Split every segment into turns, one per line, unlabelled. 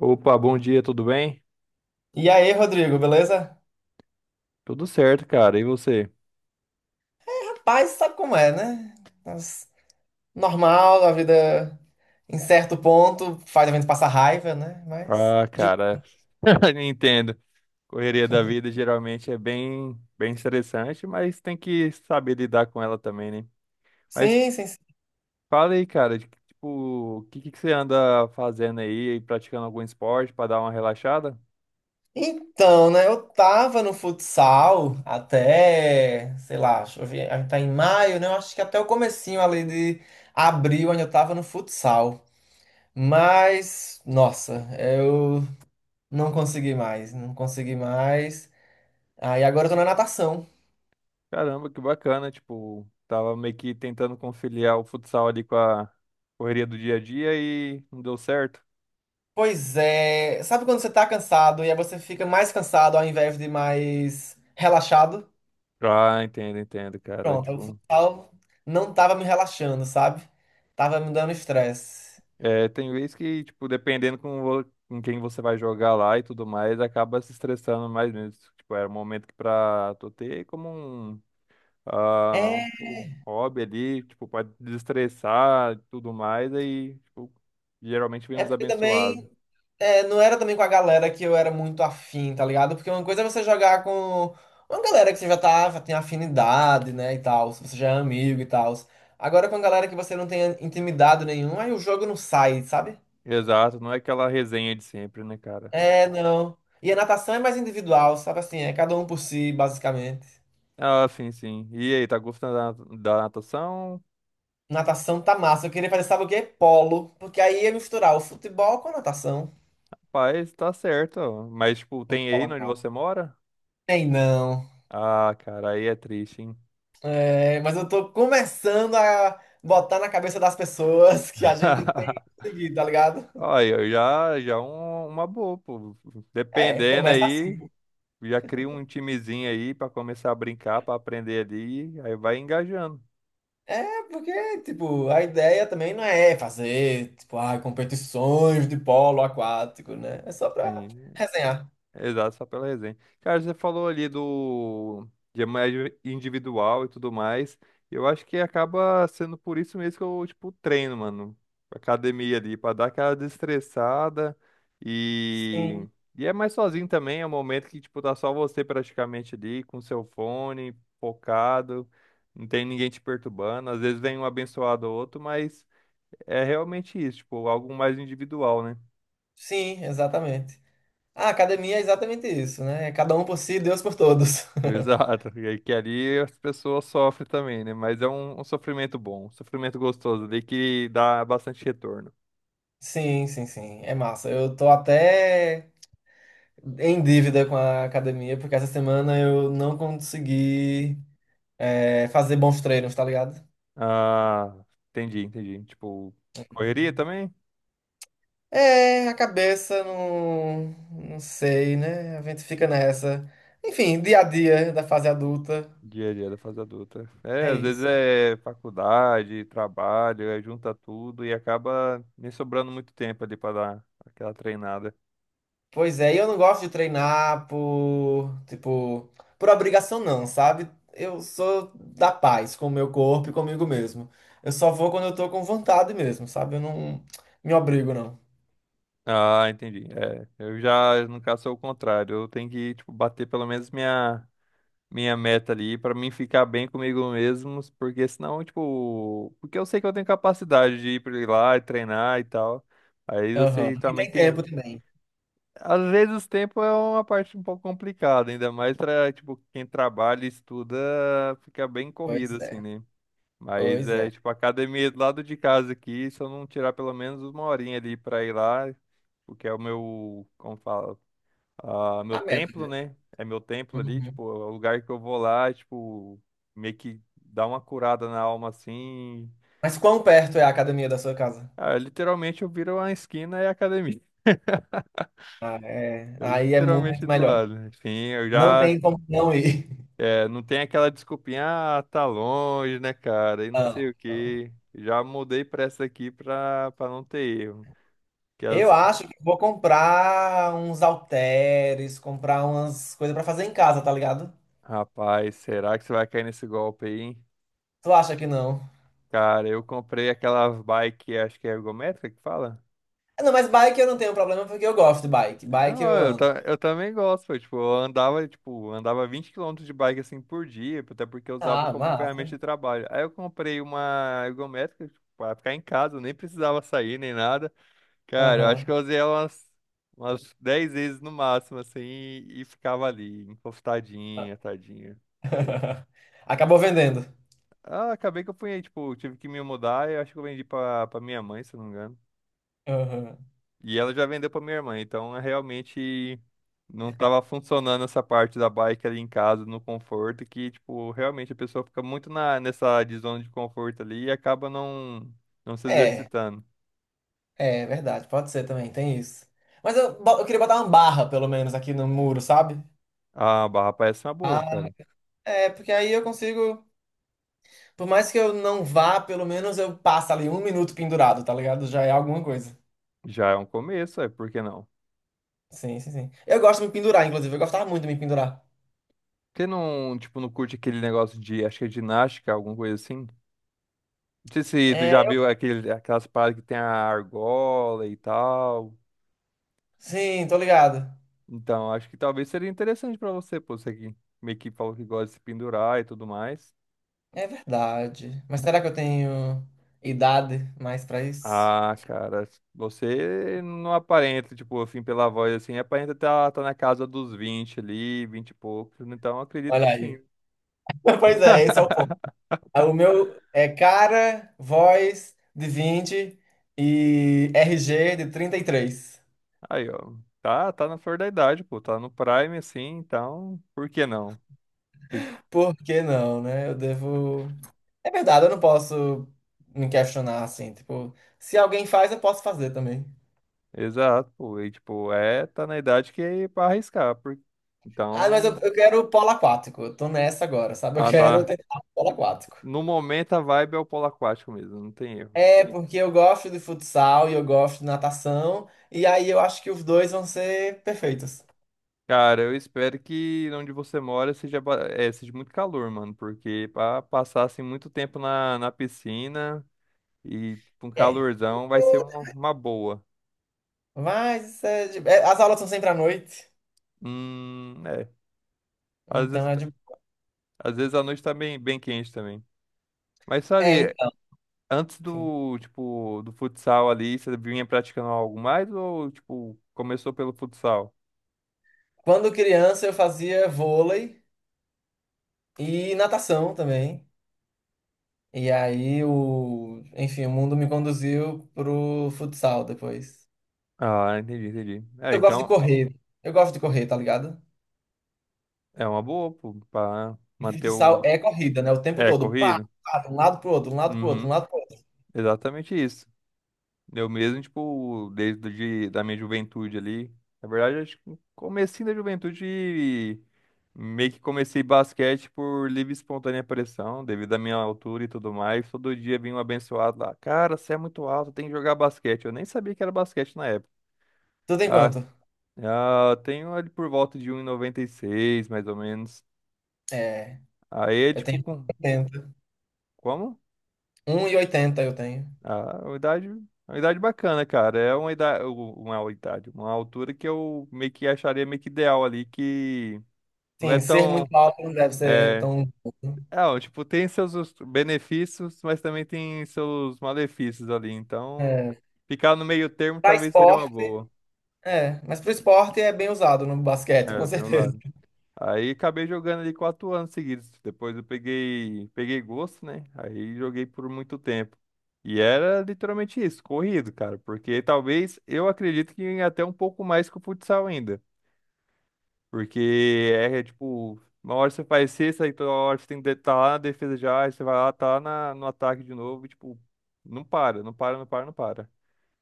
Opa, bom dia, tudo bem?
E aí, Rodrigo, beleza?
Tudo certo, cara. E você?
Rapaz, sabe como é, né? Mas normal, a vida em certo ponto faz a gente passar raiva, né? Mas.
Ah,
De-
cara, entendo. Correria da vida geralmente é bem, bem estressante, mas tem que saber lidar com ela também, né? Mas
Sim, sim, sim.
fala aí, cara, tipo, o que você anda fazendo aí, praticando algum esporte para dar uma relaxada?
Então, né? Eu tava no futsal até, sei lá, deixa eu ver, a gente tá em maio, né? Eu acho que até o comecinho ali de abril ainda eu tava no futsal. Mas, nossa, eu não consegui mais. Aí agora eu tô na natação.
Caramba, que bacana, tipo, tava meio que tentando conciliar o futsal ali com a correria do dia a dia e não deu certo.
Pois é, sabe quando você tá cansado e aí você fica mais cansado ao invés de mais relaxado?
Ah, entendo, entendo, cara,
Pronto, o
tipo.
futsal não tava me relaxando, sabe? Tava me dando estresse.
É, tem vez que, tipo, dependendo com quem você vai jogar lá e tudo mais, acaba se estressando mais mesmo. Tipo, era um momento que pra tu ter como um, ah,
É,
um hobby ali, tipo, pra desestressar e tudo mais, aí, tipo, geralmente vem
é
uns
porque
abençoados.
também é, não era também com a galera que eu era muito afim, tá ligado? Porque uma coisa é você jogar com uma galera que você já tá, já tem afinidade, né, e tal, se você já é amigo e tal. Agora com a galera que você não tem intimidade nenhuma, aí o jogo não sai, sabe?
Exato, não é aquela resenha de sempre, né, cara?
É, não. E a natação é mais individual, sabe assim? É cada um por si, basicamente.
Ah, sim, sim. E aí, tá gostando da natação?
Natação tá massa. Eu queria fazer, sabe o quê? Polo. Porque aí ia misturar o futebol com a natação.
Pai, tá certo, ó. Mas, tipo,
Vou
tem aí onde
colocar.
você mora?
Tem não.
Ah, cara, aí é triste, hein?
É, mas eu tô começando a botar na cabeça das pessoas que a gente tem que seguir, tá ligado?
Aí, ó, já é uma boa, pô.
É,
Dependendo
começa
aí,
assim.
já cria um timezinho aí pra começar a brincar, pra aprender ali, aí vai engajando.
É, porque, tipo, a ideia também não é fazer, tipo, ah, competições de polo aquático, né? É só pra
Sim.
resenhar.
Exato, só pela resenha. Cara, você falou ali do de médio individual e tudo mais. Eu acho que acaba sendo por isso mesmo que eu, tipo, treino, mano. Academia ali, pra dar aquela desestressada. E,
Sim,
e é mais sozinho também, é um momento que, tipo, tá só você praticamente ali, com seu fone, focado. Não tem ninguém te perturbando. Às vezes vem um abençoado ou outro, mas é realmente isso, tipo, algo mais individual, né?
sim, exatamente. A academia é exatamente isso, né? É cada um por si, Deus por todos.
Exato. E aí que ali as pessoas sofrem também, né? Mas é um sofrimento bom, um sofrimento gostoso ali que dá bastante retorno.
Sim, sim, sim. É massa. Eu tô até em dívida com a academia, porque essa semana eu não consegui, fazer bons treinos, tá ligado?
Ah, entendi, entendi. Tipo, correria também?
É, a cabeça não, não sei, né? A gente fica nessa. Enfim, dia a dia da fase adulta.
Dia a dia da fase adulta. É,
É
às vezes
isso.
é faculdade, trabalho, aí junta tudo e acaba nem sobrando muito tempo ali para dar aquela treinada.
Pois é, e eu não gosto de treinar por, tipo, por obrigação não, sabe? Eu sou da paz com o meu corpo e comigo mesmo. Eu só vou quando eu tô com vontade mesmo, sabe? Eu não me obrigo, não.
Ah, entendi. É, eu já, no caso, sou o contrário. Eu tenho que, tipo, bater pelo menos minha, minha meta ali pra mim ficar bem comigo mesmo, porque senão, tipo, porque eu sei que eu tenho capacidade de ir pra lá e treinar e tal. Aí eu
Aham.
sei que
E
também
tem
tem,
tempo também.
às vezes o tempo é uma parte um pouco complicada, ainda mais pra, tipo, quem trabalha e estuda, fica bem corrido
Pois
assim,
é,
né? Mas
pois
é,
é.
tipo, a academia é do lado de casa aqui, se eu não tirar pelo menos uma horinha ali pra ir lá, porque é o meu, como fala, ah, meu
A meta
templo,
mesmo.
né? É meu templo ali,
Uhum.
tipo, é o lugar que eu vou lá, tipo, meio que dá uma curada na alma assim.
Mas quão perto é a academia da sua casa?
Ah, literalmente eu viro uma esquina e é academia.
Ah, é.
É
Aí é
literalmente
muito
do
melhor.
lado. Enfim, eu
Não
já.
tem como não ir.
É, não tem aquela desculpinha, ah, tá longe, né, cara? E não
Não,
sei o
não.
quê. Já mudei pra essa aqui pra não ter erro. Que
Eu
as...
acho que vou comprar uns halteres, comprar umas coisas pra fazer em casa, tá ligado?
Rapaz, será que você vai cair nesse golpe aí, hein?
Tu acha que não?
Cara, eu comprei aquela bike, acho que é ergométrica que fala?
Ah, não, mas bike eu não tenho problema porque eu gosto de bike. Bike
Não,
eu ando.
eu também gosto, foi, tipo, eu andava, tipo, andava 20 km de bike, assim, por dia, até porque eu usava
Ah,
como ferramenta
massa.
de trabalho. Aí eu comprei uma ergométrica, tipo, pra ficar em casa, eu nem precisava sair, nem nada. Cara, eu acho que
Aham.
eu usei ela umas 10 vezes no máximo, assim, e ficava ali, encostadinha, tadinha.
Acabou vendendo.
Ah, acabei que eu fui, tipo, tive que me mudar, e eu acho que eu vendi pra minha mãe, se eu não me engano.
Aham.
E ela já vendeu pra minha irmã, então é realmente não tava funcionando essa parte da bike ali em casa, no conforto, que, tipo, realmente a pessoa fica muito na, nessa de zona de conforto ali e acaba não se
É,
exercitando.
é verdade. Pode ser também, tem isso. Mas eu queria botar uma barra, pelo menos, aqui no muro, sabe?
A barra parece uma boa,
Ah,
cara.
é, porque aí eu consigo. Por mais que eu não vá, pelo menos eu passo ali um minuto pendurado, tá ligado? Já é alguma coisa.
Já é um começo, é, por que não?
Sim, sim, sim. Eu gosto de me pendurar, inclusive. Eu gostava muito de me pendurar.
Porque não, tipo, não curte aquele negócio de, acho que é ginástica, alguma coisa assim? Não sei se tu já
É,
viu aquelas paradas que tem a argola e tal.
sim, tô ligado.
Então, acho que talvez seria interessante pra você, pô, você que meio que falou que gosta de se pendurar e tudo mais.
É verdade. Mas será que eu tenho idade mais pra isso?
Ah, cara, você não aparenta, tipo, assim, pela voz, assim, aparenta tá na casa dos 20 ali, 20 e poucos, então eu acredito que
Olha
sim.
aí. Pois é, esse é o ponto. Ah, o meu é cara, voz de 20 e RG de 33.
Aí, ó, tá na flor da idade, pô, tá no prime, assim, então, por que não?
Por que não, né? Eu devo. É verdade, eu não posso me questionar assim. Tipo, se alguém faz, eu posso fazer também.
Exato, pô, e, tipo, é, tá na idade que é pra arriscar, por...
Ah, mas
então,
eu quero o polo aquático. Eu tô nessa agora, sabe? Eu
ah,
quero
tá,
tentar o polo aquático.
no momento a vibe é o polo aquático mesmo, não tem erro.
É, porque eu gosto de futsal e eu gosto de natação. E aí eu acho que os dois vão ser perfeitos.
Cara, eu espero que onde você mora seja, é, seja muito calor, mano, porque para passar assim muito tempo na, na piscina e com
É.
calorzão vai ser uma boa.
Mas isso é de- é, as aulas são sempre à noite.
É. Às
Então
vezes,
é de.
às vezes a noite tá bem, bem quente também. Mas
É,
sabe,
então.
antes
Enfim.
do, tipo, do futsal ali, você vinha praticando algo mais ou, tipo, começou pelo futsal?
Quando criança eu fazia vôlei e natação também. E aí o. Enfim, o mundo me conduziu pro futsal depois.
Ah, entendi, entendi. É,
Eu gosto de
então
correr. Eu gosto de correr, tá ligado?
é uma boa, pô, pra
E
manter o.
futsal é corrida, né? O tempo
É,
todo. Pá,
corrido?
pá, de um lado pro outro, de um lado pro outro, de um
Uhum,
lado pro outro.
exatamente isso. Eu mesmo, tipo, da minha juventude ali. Na verdade, acho que no comecinho da juventude, meio que comecei basquete por livre e espontânea pressão, devido à minha altura e tudo mais. Todo dia vinha um abençoado lá. Cara, você é muito alto, tem que jogar basquete. Eu nem sabia que era basquete na época.
Tu tem
Ah,
quanto?
ah, tenho ali por volta de 1,96 mais ou menos.
É,
Aí, é,
eu
tipo,
tenho
com...
oitenta,
Como?
um e oitenta eu tenho.
Ah, uma idade bacana, cara. É uma idade, uma idade, uma altura que eu meio que acharia meio que ideal ali, que não é
Sim, ser
tão,
muito alto não deve ser
é,
tão.
é, ó, tipo, tem seus benefícios, mas também tem seus malefícios ali. Então,
É.
ficar no meio termo
Pra
talvez seria uma
esporte,
boa.
é. Mas pro esporte é bem usado no basquete, com
É, bem.
certeza.
Aí acabei jogando ali 4 anos seguidos. Depois eu peguei gosto, né? Aí joguei por muito tempo. E era literalmente isso, corrido, cara. Porque talvez eu acredito que até um pouco mais que o futsal ainda. Porque tipo, uma hora você faz cesta, aí toda hora você tem que estar lá na defesa já, aí você vai lá, tá lá na, no ataque de novo, e tipo, não para, não para, não para, não para.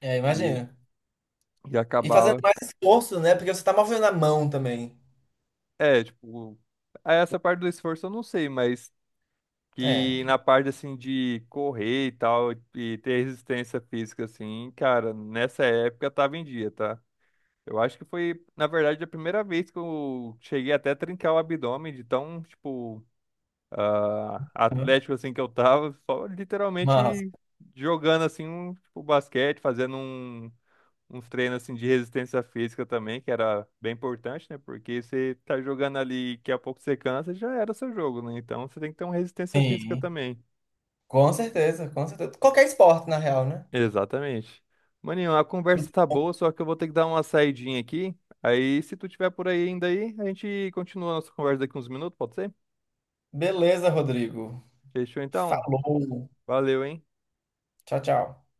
É,
E,
imagina.
e
E fazendo
acabava.
mais esforço, né? Porque você tá movendo a mão também.
É, tipo, essa parte do esforço eu não sei, mas. Que
É.
na parte assim de correr e tal e ter resistência física assim, cara, nessa época tava em dia, tá? Eu acho que foi, na verdade, a primeira vez que eu cheguei até a trincar o abdômen de tão, tipo, ah,
Uhum.
atlético assim que eu tava, só
Mas,
literalmente jogando assim um, tipo, basquete, fazendo uns treinos assim de resistência física também, que era bem importante, né? Porque você tá jogando ali, daqui a pouco você cansa, já era seu jogo, né? Então você tem que ter uma resistência física
sim.
também.
Com certeza, com certeza. Qualquer esporte, na real, né?
Exatamente. Maninho, a conversa tá boa, só que eu vou ter que dar uma saidinha aqui. Aí, se tu tiver por aí ainda aí, a gente continua a nossa conversa daqui uns minutos, pode ser?
Beleza, Rodrigo.
Fechou então?
Falou.
Valeu, hein?
Tchau, tchau.